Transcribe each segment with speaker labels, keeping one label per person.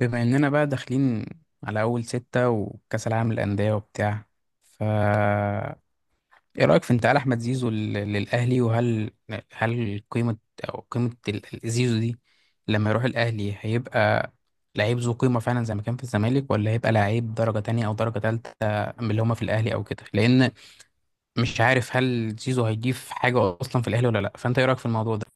Speaker 1: بما اننا بقى داخلين على اول ستة وكأس العالم للأندية وبتاع. ف ايه رأيك في انتقال احمد زيزو للأهلي؟ وهل قيمة او قيمة زيزو دي لما يروح الأهلي، هيبقى لعيب ذو قيمة فعلا زي ما كان في الزمالك، ولا هيبقى لعيب درجة تانية او درجة تالتة من اللي هما في الأهلي او كده؟ لأن مش عارف هل زيزو هيضيف حاجة اصلا في الأهلي ولا لا، فانت ايه رأيك في الموضوع ده؟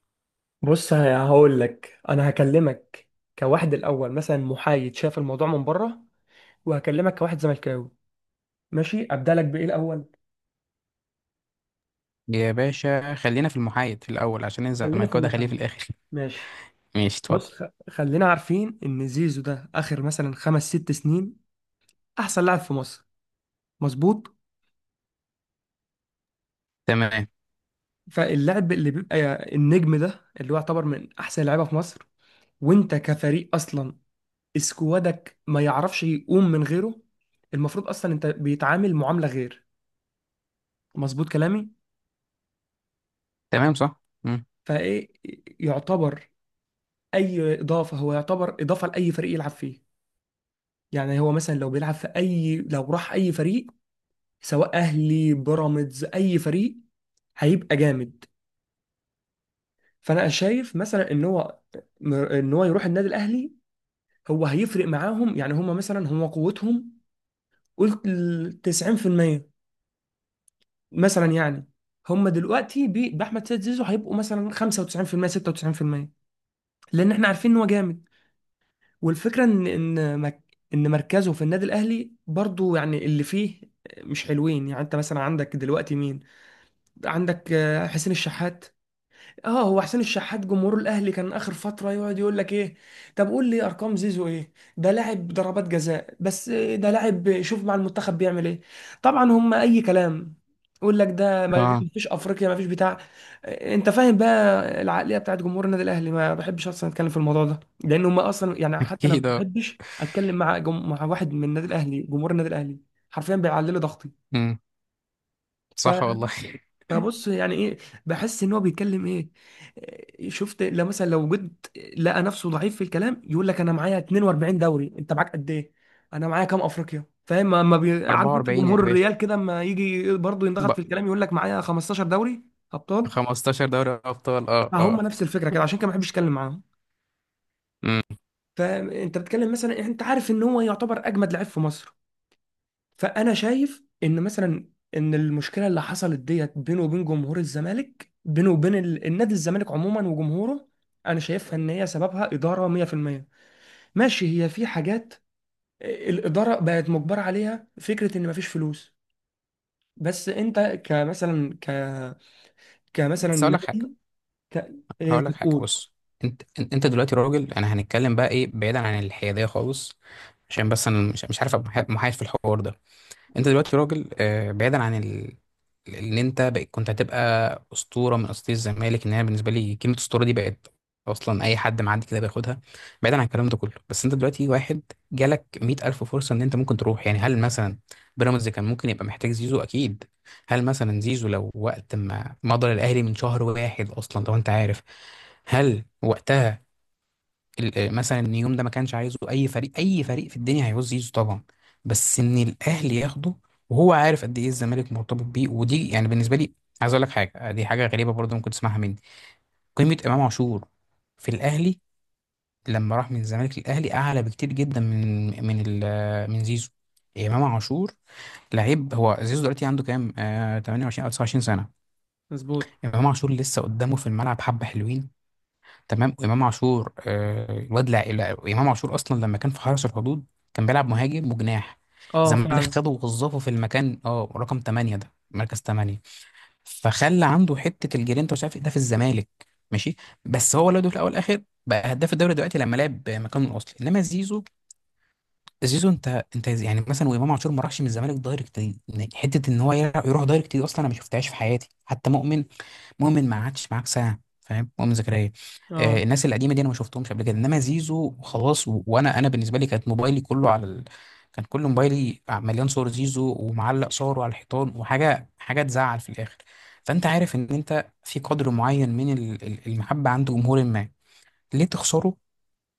Speaker 2: بص، هقول لك. انا هكلمك كواحد الاول مثلا محايد شاف الموضوع من بره، وهكلمك كواحد زملكاوي. ماشي، ابدا لك بايه الاول.
Speaker 1: يا باشا خلينا في المحايد في الأول، عشان
Speaker 2: خلينا في
Speaker 1: الزمالك ده خليه في
Speaker 2: المحايد.
Speaker 1: الآخر.
Speaker 2: ماشي.
Speaker 1: ماشي اتفضل.
Speaker 2: بص خلينا عارفين ان زيزو ده اخر مثلا خمس ست سنين احسن لاعب في مصر. مظبوط.
Speaker 1: تمام.
Speaker 2: فاللاعب اللي بيبقى النجم ده، اللي هو يعتبر من احسن لعيبه في مصر، وانت كفريق اصلا اسكوادك ما يعرفش يقوم من غيره، المفروض اصلا انت بيتعامل معامله غير. مظبوط كلامي.
Speaker 1: تمام صح.
Speaker 2: فايه يعتبر اي اضافه، هو يعتبر اضافه لاي فريق يلعب فيه. يعني هو مثلا لو بيلعب في اي، لو راح اي فريق، سواء اهلي، بيراميدز، اي فريق، هيبقى جامد. فانا شايف مثلا ان هو ان هو يروح النادي الاهلي، هو هيفرق معاهم. يعني هم مثلا، هم قوتهم قلت ال 90% مثلا يعني، هم دلوقتي باحمد سيد زيزو هيبقوا مثلا 95%، 96%، لان احنا عارفين ان هو جامد. والفكرة ان مركزه في النادي الاهلي برضو، يعني اللي فيه مش حلوين. يعني انت مثلا عندك دلوقتي مين؟ عندك آه، حسين الشحات. اه، هو حسين الشحات جمهور الاهلي كان اخر فتره يقعد يقول لك ايه؟ طب قول لي ارقام زيزو ايه؟ ده لاعب ضربات جزاء بس، ده لاعب شوف مع المنتخب بيعمل ايه. طبعا هم اي كلام، يقول لك ده ما
Speaker 1: اه
Speaker 2: فيش افريقيا ما فيش بتاع. انت فاهم بقى العقليه بتاعت جمهور النادي الاهلي؟ ما بحبش اصلا اتكلم في الموضوع ده، لان هم اصلا يعني، حتى انا ما
Speaker 1: اكيد اه.
Speaker 2: بحبش اتكلم مع مع واحد من النادي الاهلي، جمهور النادي الاهلي حرفيا بيعلي لي ضغطي.
Speaker 1: مم. صح والله.
Speaker 2: فبص يعني ايه، بحس ان هو بيتكلم ايه. إيه، شفت لو مثلا لو جد لقى نفسه ضعيف في الكلام، يقول لك انا معايا 42 دوري، انت معاك قد ايه؟ انا معايا كام افريقيا. فاهم؟ ما ما بي... عارف انت
Speaker 1: 44 يا
Speaker 2: جمهور
Speaker 1: باشا
Speaker 2: الريال كده، اما يجي برضه
Speaker 1: ب...
Speaker 2: ينضغط في الكلام يقول لك معايا 15 دوري ابطال.
Speaker 1: 15 دوري ابطال، اه اه.
Speaker 2: فهم نفس الفكره كده، عشان كده ما بحبش اتكلم معاهم.
Speaker 1: مم.
Speaker 2: فانت بتتكلم مثلا، انت عارف ان هو يعتبر اجمد لعيب في مصر. فانا شايف ان مثلا ان المشكله اللي حصلت ديت بينه وبين جمهور الزمالك، بينه وبين النادي الزمالك عموما وجمهوره، انا شايفها ان هي سببها اداره 100%. ماشي، هي في حاجات آه، الاداره بقت مجبره عليها، فكره ان مفيش فلوس. بس انت كمثلا ك كمثلا
Speaker 1: بس هقول لك حاجه،
Speaker 2: نادي ك... إيه
Speaker 1: هقول لك حاجه،
Speaker 2: تقول؟
Speaker 1: بص. انت دلوقتي راجل، انا هنتكلم بقى ايه بعيدا عن الحياديه خالص، عشان بس انا مش عارف أبقى محايد في الحوار ده. انت دلوقتي راجل، بعيدا عن اللي انت بقى كنت هتبقى اسطوره من اساطير الزمالك. ان انا بالنسبه لي كلمه اسطوره دي بقت اصلا اي حد معدي كده بياخدها. بعيدا عن الكلام ده كله، بس انت دلوقتي واحد جالك مئة الف فرصه ان انت ممكن تروح. يعني هل مثلا بيراميدز كان ممكن يبقى محتاج زيزو؟ اكيد. هل مثلا زيزو لو وقت ما مضى الاهلي من شهر واحد اصلا لو انت عارف، هل وقتها مثلا ان يوم ده ما كانش عايزه اي فريق؟ اي فريق في الدنيا هيعوز يزيزو طبعا، بس ان الاهلي ياخده وهو عارف قد ايه الزمالك مرتبط بيه، ودي يعني بالنسبه لي. عايز اقول لك حاجه، دي حاجه غريبه برضه ممكن تسمعها مني. قيمه امام عاشور في الاهلي لما راح من الزمالك للاهلي اعلى بكتير جدا من من زيزو. امام عاشور لعيب. هو زيزو دلوقتي عنده كام، آه، 28 او 29 سنه.
Speaker 2: مظبوط.
Speaker 1: امام عاشور لسه قدامه في الملعب حبه حلوين. تمام. وامام عاشور، آه، الواد امام عاشور اصلا لما كان في حرس الحدود كان بيلعب مهاجم وجناح.
Speaker 2: اه
Speaker 1: الزمالك
Speaker 2: فعلا.
Speaker 1: خده ووظفه في المكان، اه، رقم 8، ده مركز 8، فخلى عنده حته الجرينتا ومش عارف ايه ده في الزمالك. ماشي. بس هو لو في الاول والاخر بقى هداف الدوري دلوقتي لما لعب مكانه الاصلي. انما زيزو، زيزو انت انت يعني مثلا، وامام عاشور ما راحش من الزمالك دايركت دي. يعني حته ان هو يروح دايركت دي اصلا انا ما شفتهاش في حياتي. حتى مؤمن، مؤمن ما قعدش معاك سنه، فاهم؟ مؤمن زكريا، آه،
Speaker 2: اه.
Speaker 1: الناس القديمه دي انا ما شفتهمش قبل كده. انما زيزو خلاص، وانا بالنسبه لي كانت موبايلي كله على كان كل موبايلي، آه، مليان صور زيزو ومعلق صوره على الحيطان وحاجه، حاجه تزعل في الاخر. فانت عارف ان انت في قدر معين من المحبه عند جمهور ما، ليه تخسره؟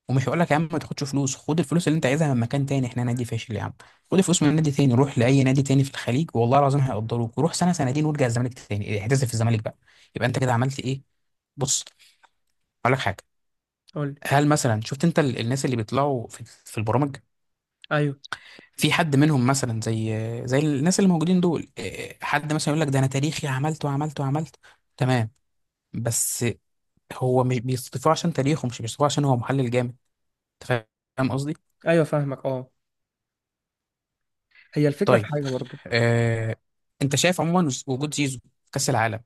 Speaker 1: ومش هقول لك يا عم ما تاخدش فلوس، خد الفلوس اللي انت عايزها من مكان تاني، احنا نادي فاشل يا عم. خد الفلوس من نادي تاني، روح لاي نادي تاني في الخليج والله العظيم هيقدروك، وروح سنه سنتين وارجع الزمالك تاني، اعتزل في الزمالك بقى. يبقى انت كده عملت ايه. بص، هقول لك حاجه.
Speaker 2: قول لي.
Speaker 1: هل مثلا شفت انت الناس اللي بيطلعوا في البرامج،
Speaker 2: ايوه.
Speaker 1: في حد منهم مثلا زي زي الناس اللي موجودين دول، اه، حد مثلا يقول لك ده انا تاريخي عملت وعملت وعملت؟ تمام. بس هو مش بيصطفوه عشان تاريخه، مش بيصطفوه عشان هو محلل جامد. انت فاهم قصدي؟
Speaker 2: ايوه فاهمك اه. هي الفكره في
Speaker 1: طيب،
Speaker 2: حاجه برضو.
Speaker 1: آه، انت شايف عموما وجود زيزو في كأس العالم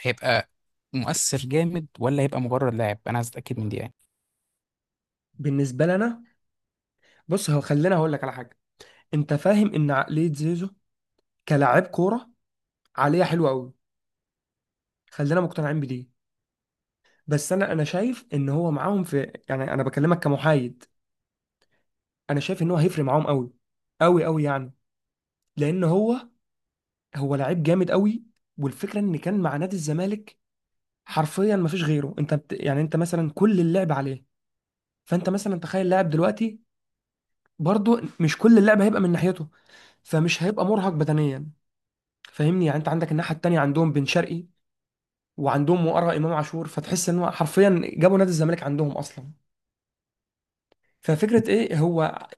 Speaker 1: هيبقى مؤثر جامد، ولا هيبقى مجرد لاعب؟ انا عايز اتاكد من دي يعني.
Speaker 2: بالنسبه لنا، بص هو خلينا هقول لك على حاجه. انت فاهم ان عقليه زيزو كلاعب كوره عقليه حلوه قوي؟ خلينا مقتنعين بدي. بس انا شايف ان هو معاهم في، يعني انا بكلمك كمحايد، انا شايف ان هو هيفرق معاهم قوي قوي قوي يعني. لان هو، هو لعيب جامد قوي. والفكره ان كان مع نادي الزمالك حرفيا ما فيش غيره، انت يعني انت مثلا كل اللعب عليه. فانت مثلا تخيل لاعب دلوقتي برضه مش كل اللعب هيبقى من ناحيته، فمش هيبقى مرهق بدنيا. فاهمني يعني؟ انت عندك الناحيه التانيه عندهم بن شرقي، وعندهم وراء امام عاشور، فتحس ان هو حرفيا جابوا نادي الزمالك عندهم اصلا. ففكره ايه، هو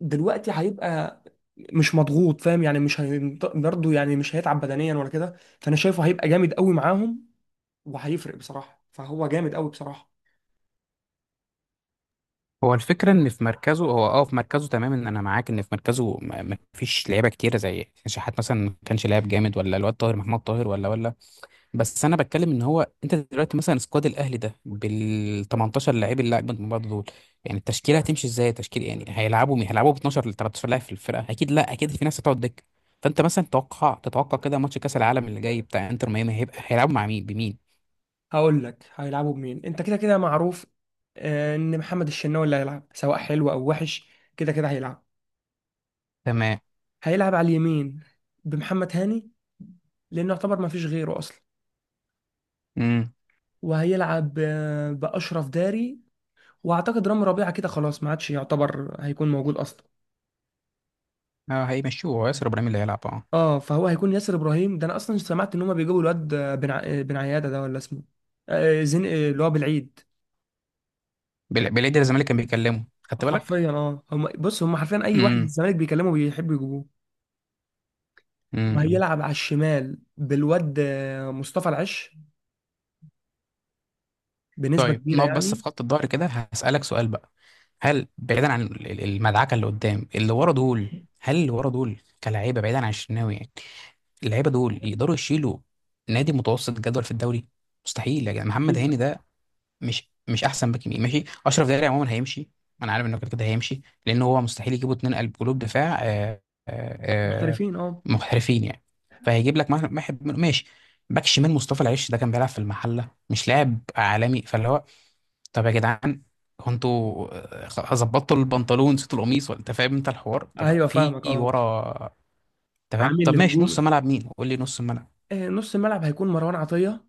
Speaker 2: دلوقتي هيبقى مش مضغوط. فاهم يعني؟ مش هي- برضه يعني مش هيتعب بدنيا ولا كده، فانا شايفه هيبقى جامد قوي معاهم وهيفرق بصراحه، فهو جامد قوي بصراحه.
Speaker 1: هو الفكره ان في مركزه، هو اه في مركزه تمام، ان انا معاك ان في مركزه ما ما فيش لعيبه كتيره زي شحات مثلا ما كانش لاعب جامد، ولا الواد طاهر محمد طاهر، ولا ولا. بس انا بتكلم ان هو، انت دلوقتي مثلا سكواد الاهلي ده بال 18 لعيب، اللي اجمد من بعض دول. يعني التشكيله هتمشي ازاي؟ تشكيل يعني هيلعبوا مين؟ هيلعبوا ب 12 ل 13 لاعب في الفرقه، اكيد لا اكيد في ناس هتقعد دكه. فانت مثلا تتوقع كده ماتش كاس العالم اللي جاي بتاع انتر ميامي هيبقى هيلعبوا مع مين بمين؟
Speaker 2: هقول لك هيلعبوا بمين. انت كده كده معروف آه، ان محمد الشناوي اللي هيلعب، سواء حلو او وحش كده كده هيلعب.
Speaker 1: تمام.
Speaker 2: هيلعب على اليمين بمحمد هاني، لانه يعتبر ما فيش غيره اصلا.
Speaker 1: امم.
Speaker 2: وهيلعب آه، باشرف داري. واعتقد رامي ربيعه كده خلاص ما عادش يعتبر هيكون موجود اصلا.
Speaker 1: اه هيمشوه، هو ياسر ابراهيم اللي هيلعب، اه.
Speaker 2: اه، فهو هيكون ياسر ابراهيم. ده انا اصلا سمعت ان هما بيجيبوا الواد بن عياده، ده ولا اسمه آه، زين آه، اللي هو بالعيد.
Speaker 1: بالعيد الزمالك كان بيكلمه، خدت بالك؟
Speaker 2: حرفيا اه، هم بص هم حرفيا اي واحد من
Speaker 1: امم.
Speaker 2: الزمالك بيكلمه بيحبوا يجيبوه.
Speaker 1: امم.
Speaker 2: وهيلعب على الشمال بالواد آه، مصطفى العش، بنسبه
Speaker 1: طيب
Speaker 2: كبيره
Speaker 1: نقف بس في
Speaker 2: يعني.
Speaker 1: خط الظهر كده، هسألك سؤال بقى. هل بعيدا عن المدعكة اللي قدام، اللي ورا دول، هل اللي ورا دول كلاعيبة بعيدا عن الشناوي يعني، اللعيبة دول يقدروا يشيلوا نادي متوسط جدول في الدوري؟ مستحيل يا جدع. محمد
Speaker 2: اكيد
Speaker 1: هاني
Speaker 2: لا.
Speaker 1: ده مش احسن باك يمين. ماشي اشرف داري عموما هيمشي، انا عارف انه كده كده هيمشي، لان هو مستحيل يجيبوا اتنين قلب قلوب دفاع، آه، آه،
Speaker 2: محترفين اه.
Speaker 1: محترفين يعني. فهيجيب لك واحد منهم، ماشي. باك شمال مصطفى العيش ده كان بيلعب في المحله، مش لاعب عالمي، فاللي هو طب يا جدعان، هو انتوا، ظبطتوا البنطلون نسيتوا القميص ولا انت فاهم انت الحوار؟ طب
Speaker 2: ايوه
Speaker 1: في
Speaker 2: فاهمك اه.
Speaker 1: ورا. تمام.
Speaker 2: عامل
Speaker 1: طب ماشي، نص
Speaker 2: هجوم
Speaker 1: ملعب مين؟ قول لي نص ملعب.
Speaker 2: آه، نص الملعب هيكون مروان عطيه،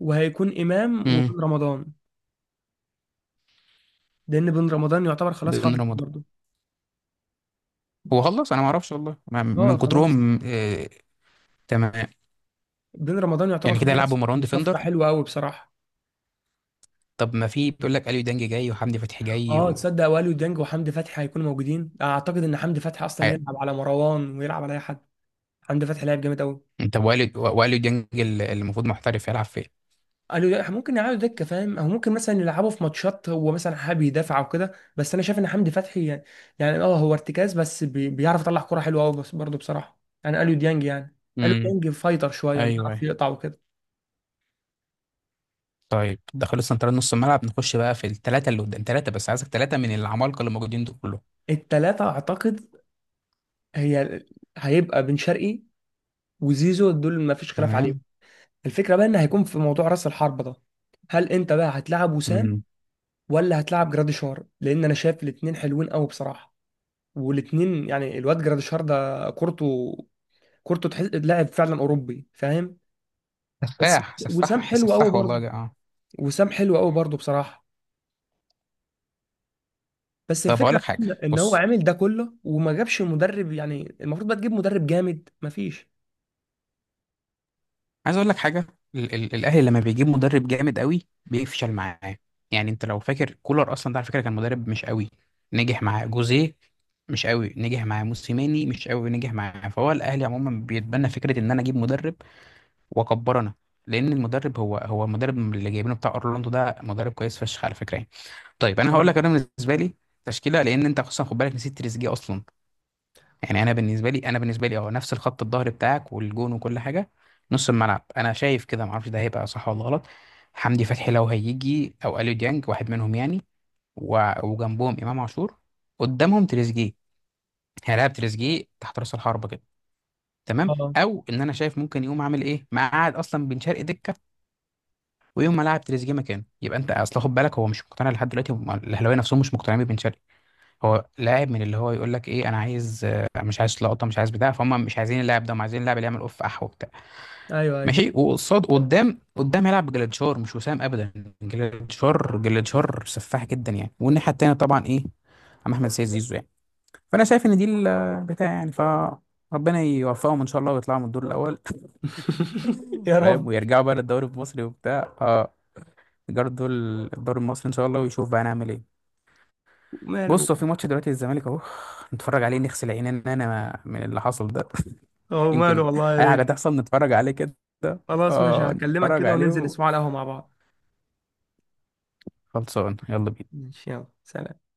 Speaker 2: وهيكون امام
Speaker 1: امم.
Speaker 2: وبن رمضان، لان بن رمضان يعتبر خلاص
Speaker 1: بن
Speaker 2: خلص
Speaker 1: رمضان.
Speaker 2: برضه.
Speaker 1: هو خلص؟ انا ما اعرفش والله،
Speaker 2: اه
Speaker 1: من
Speaker 2: خلاص.
Speaker 1: كترهم، تمام.
Speaker 2: دين رمضان يعتبر
Speaker 1: يعني كده يلعبوا
Speaker 2: خلص
Speaker 1: مروان
Speaker 2: وصفقة
Speaker 1: ديفندر؟
Speaker 2: حلوة قوي بصراحة.
Speaker 1: طب ما في بيقول لك اليو ديانج جاي وحمدي فتحي جاي
Speaker 2: اه تصدق، واليو ديانج وحمدي فتحي هيكونوا موجودين. اعتقد ان حمدي فتحي اصلا
Speaker 1: هي-
Speaker 2: يلعب على مروان ويلعب على اي حد. حمدي فتحي لاعب جامد قوي.
Speaker 1: طب واليو، واليو ديانج اللي المفروض محترف، يلعب فين؟
Speaker 2: قالوا لا، ممكن يقعدوا دكة. فاهم؟ او ممكن مثلا يلعبوا في ماتشات هو مثلا حابب يدافع او كده. بس انا شايف ان حمدي فتحي يعني، يعني اه هو ارتكاز بس، بي بيعرف يطلع كرة حلوة قوي. بس برضه بصراحة يعني قالوا ديانج يعني، قالوا
Speaker 1: امم.
Speaker 2: ديانج فايتر شوية،
Speaker 1: ايوى
Speaker 2: بيعرف
Speaker 1: ايوه.
Speaker 2: يقطع وكده.
Speaker 1: طيب ده خلص. انت نص الملعب نخش بقى في الثلاثه اللي قدام. ثلاثه بس عايزك، ثلاثه من العمالقه اللي موجودين دول كلهم.
Speaker 2: التلاتة اعتقد هي هيبقى بن شرقي وزيزو، دول ما فيش خلاف
Speaker 1: تمام.
Speaker 2: عليهم. الفكرة بقى ان هيكون في موضوع راس الحربة ده، هل انت بقى هتلعب وسام
Speaker 1: امم.
Speaker 2: ولا هتلعب جراديشار؟ لان انا شايف الاتنين حلوين قوي بصراحة. والاتنين يعني، الواد جراديشار ده كورته، كورته تحس لاعب فعلا اوروبي. فاهم؟ بس
Speaker 1: سفاح
Speaker 2: وسام
Speaker 1: سفاح
Speaker 2: حلو قوي
Speaker 1: سفاح والله
Speaker 2: برضه،
Speaker 1: ده، اه.
Speaker 2: وسام حلو قوي برضه بصراحة. بس
Speaker 1: طب اقول
Speaker 2: الفكرة
Speaker 1: لك
Speaker 2: بقى
Speaker 1: حاجه،
Speaker 2: ان إن هو
Speaker 1: بص،
Speaker 2: عامل ده كله وما جابش مدرب. يعني المفروض بقى تجيب مدرب جامد، مفيش.
Speaker 1: عايز اقول لك حاجه. ال ال الاهلي لما بيجيب مدرب جامد قوي بيفشل معاه. يعني انت لو فاكر كولر اصلا ده على فكره كان مدرب مش قوي، نجح معاه. جوزيه مش قوي نجح معاه. موسيماني مش قوي نجح معاه. فهو الاهلي عموما بيتبنى فكره ان انا اجيب مدرب واكبرنا، لان المدرب هو المدرب اللي جايبينه بتاع اورلاندو ده مدرب كويس فشخ على فكره يعني. طيب انا هقول
Speaker 2: اه.
Speaker 1: لك انا بالنسبه لي تشكيله، لان انت اصلا خد بالك نسيت تريزيجيه اصلا. يعني انا بالنسبه لي، اه، نفس الخط الظهر بتاعك والجون وكل حاجه. نص الملعب انا شايف كده، ما اعرفش ده هيبقى صح ولا غلط، حمدي فتحي لو هيجي او اليو ديانج واحد منهم يعني، وجنبهم امام عاشور. قدامهم تريزيجيه، هيلاعب تريزيجيه تحت راس الحربه كده. تمام.
Speaker 2: اه.
Speaker 1: او ان انا شايف ممكن يقوم عامل ايه، مقعد اصلا بن شرقي دكه ويقوم ملاعب تريزيجيه مكانه. يبقى انت اصل خد بالك هو مش مقتنع لحد دلوقتي، الاهلاويه نفسهم مش مقتنعين ببن شرقي. هو لاعب من اللي هو يقول لك ايه، انا عايز، آه، مش عايز لقطه، مش عايز بتاع، فهم مش عايزين اللاعب ده، هم عايزين اللاعب اللي يعمل اوف اح وبتاع.
Speaker 2: ايوه ايوه.
Speaker 1: ماشي. وقصاد قدام هيلعب بجلاديشار، مش وسام ابدا. جلاديشار، جلاديشار سفاح جدا يعني. والناحيه التانيه طبعا ايه؟ عم احمد سيد زيزو يعني. فانا شايف ان دي البتاع يعني. ربنا يوفقهم ان شاء الله ويطلعوا من الدور الاول.
Speaker 2: يا
Speaker 1: فاهم،
Speaker 2: رب.
Speaker 1: ويرجعوا بقى للدوري المصري وبتاع، اه يجروا الدور. الدوري المصري ان شاء الله، ويشوف بقى نعمل ايه.
Speaker 2: وماله.
Speaker 1: بص، هو في ماتش دلوقتي الزمالك اهو، نتفرج عليه نغسل عينينا انا من اللي حصل ده.
Speaker 2: اه وماله
Speaker 1: يمكن
Speaker 2: والله يا
Speaker 1: اي حاجه
Speaker 2: ريت.
Speaker 1: تحصل، نتفرج عليه كده.
Speaker 2: خلاص ماشي،
Speaker 1: اه
Speaker 2: هكلمك
Speaker 1: نتفرج
Speaker 2: كده وننزل
Speaker 1: عليه،
Speaker 2: نسمع على القهوة مع بعض.
Speaker 1: وخلصان يلا بينا.
Speaker 2: ماشي، يلا، سلام.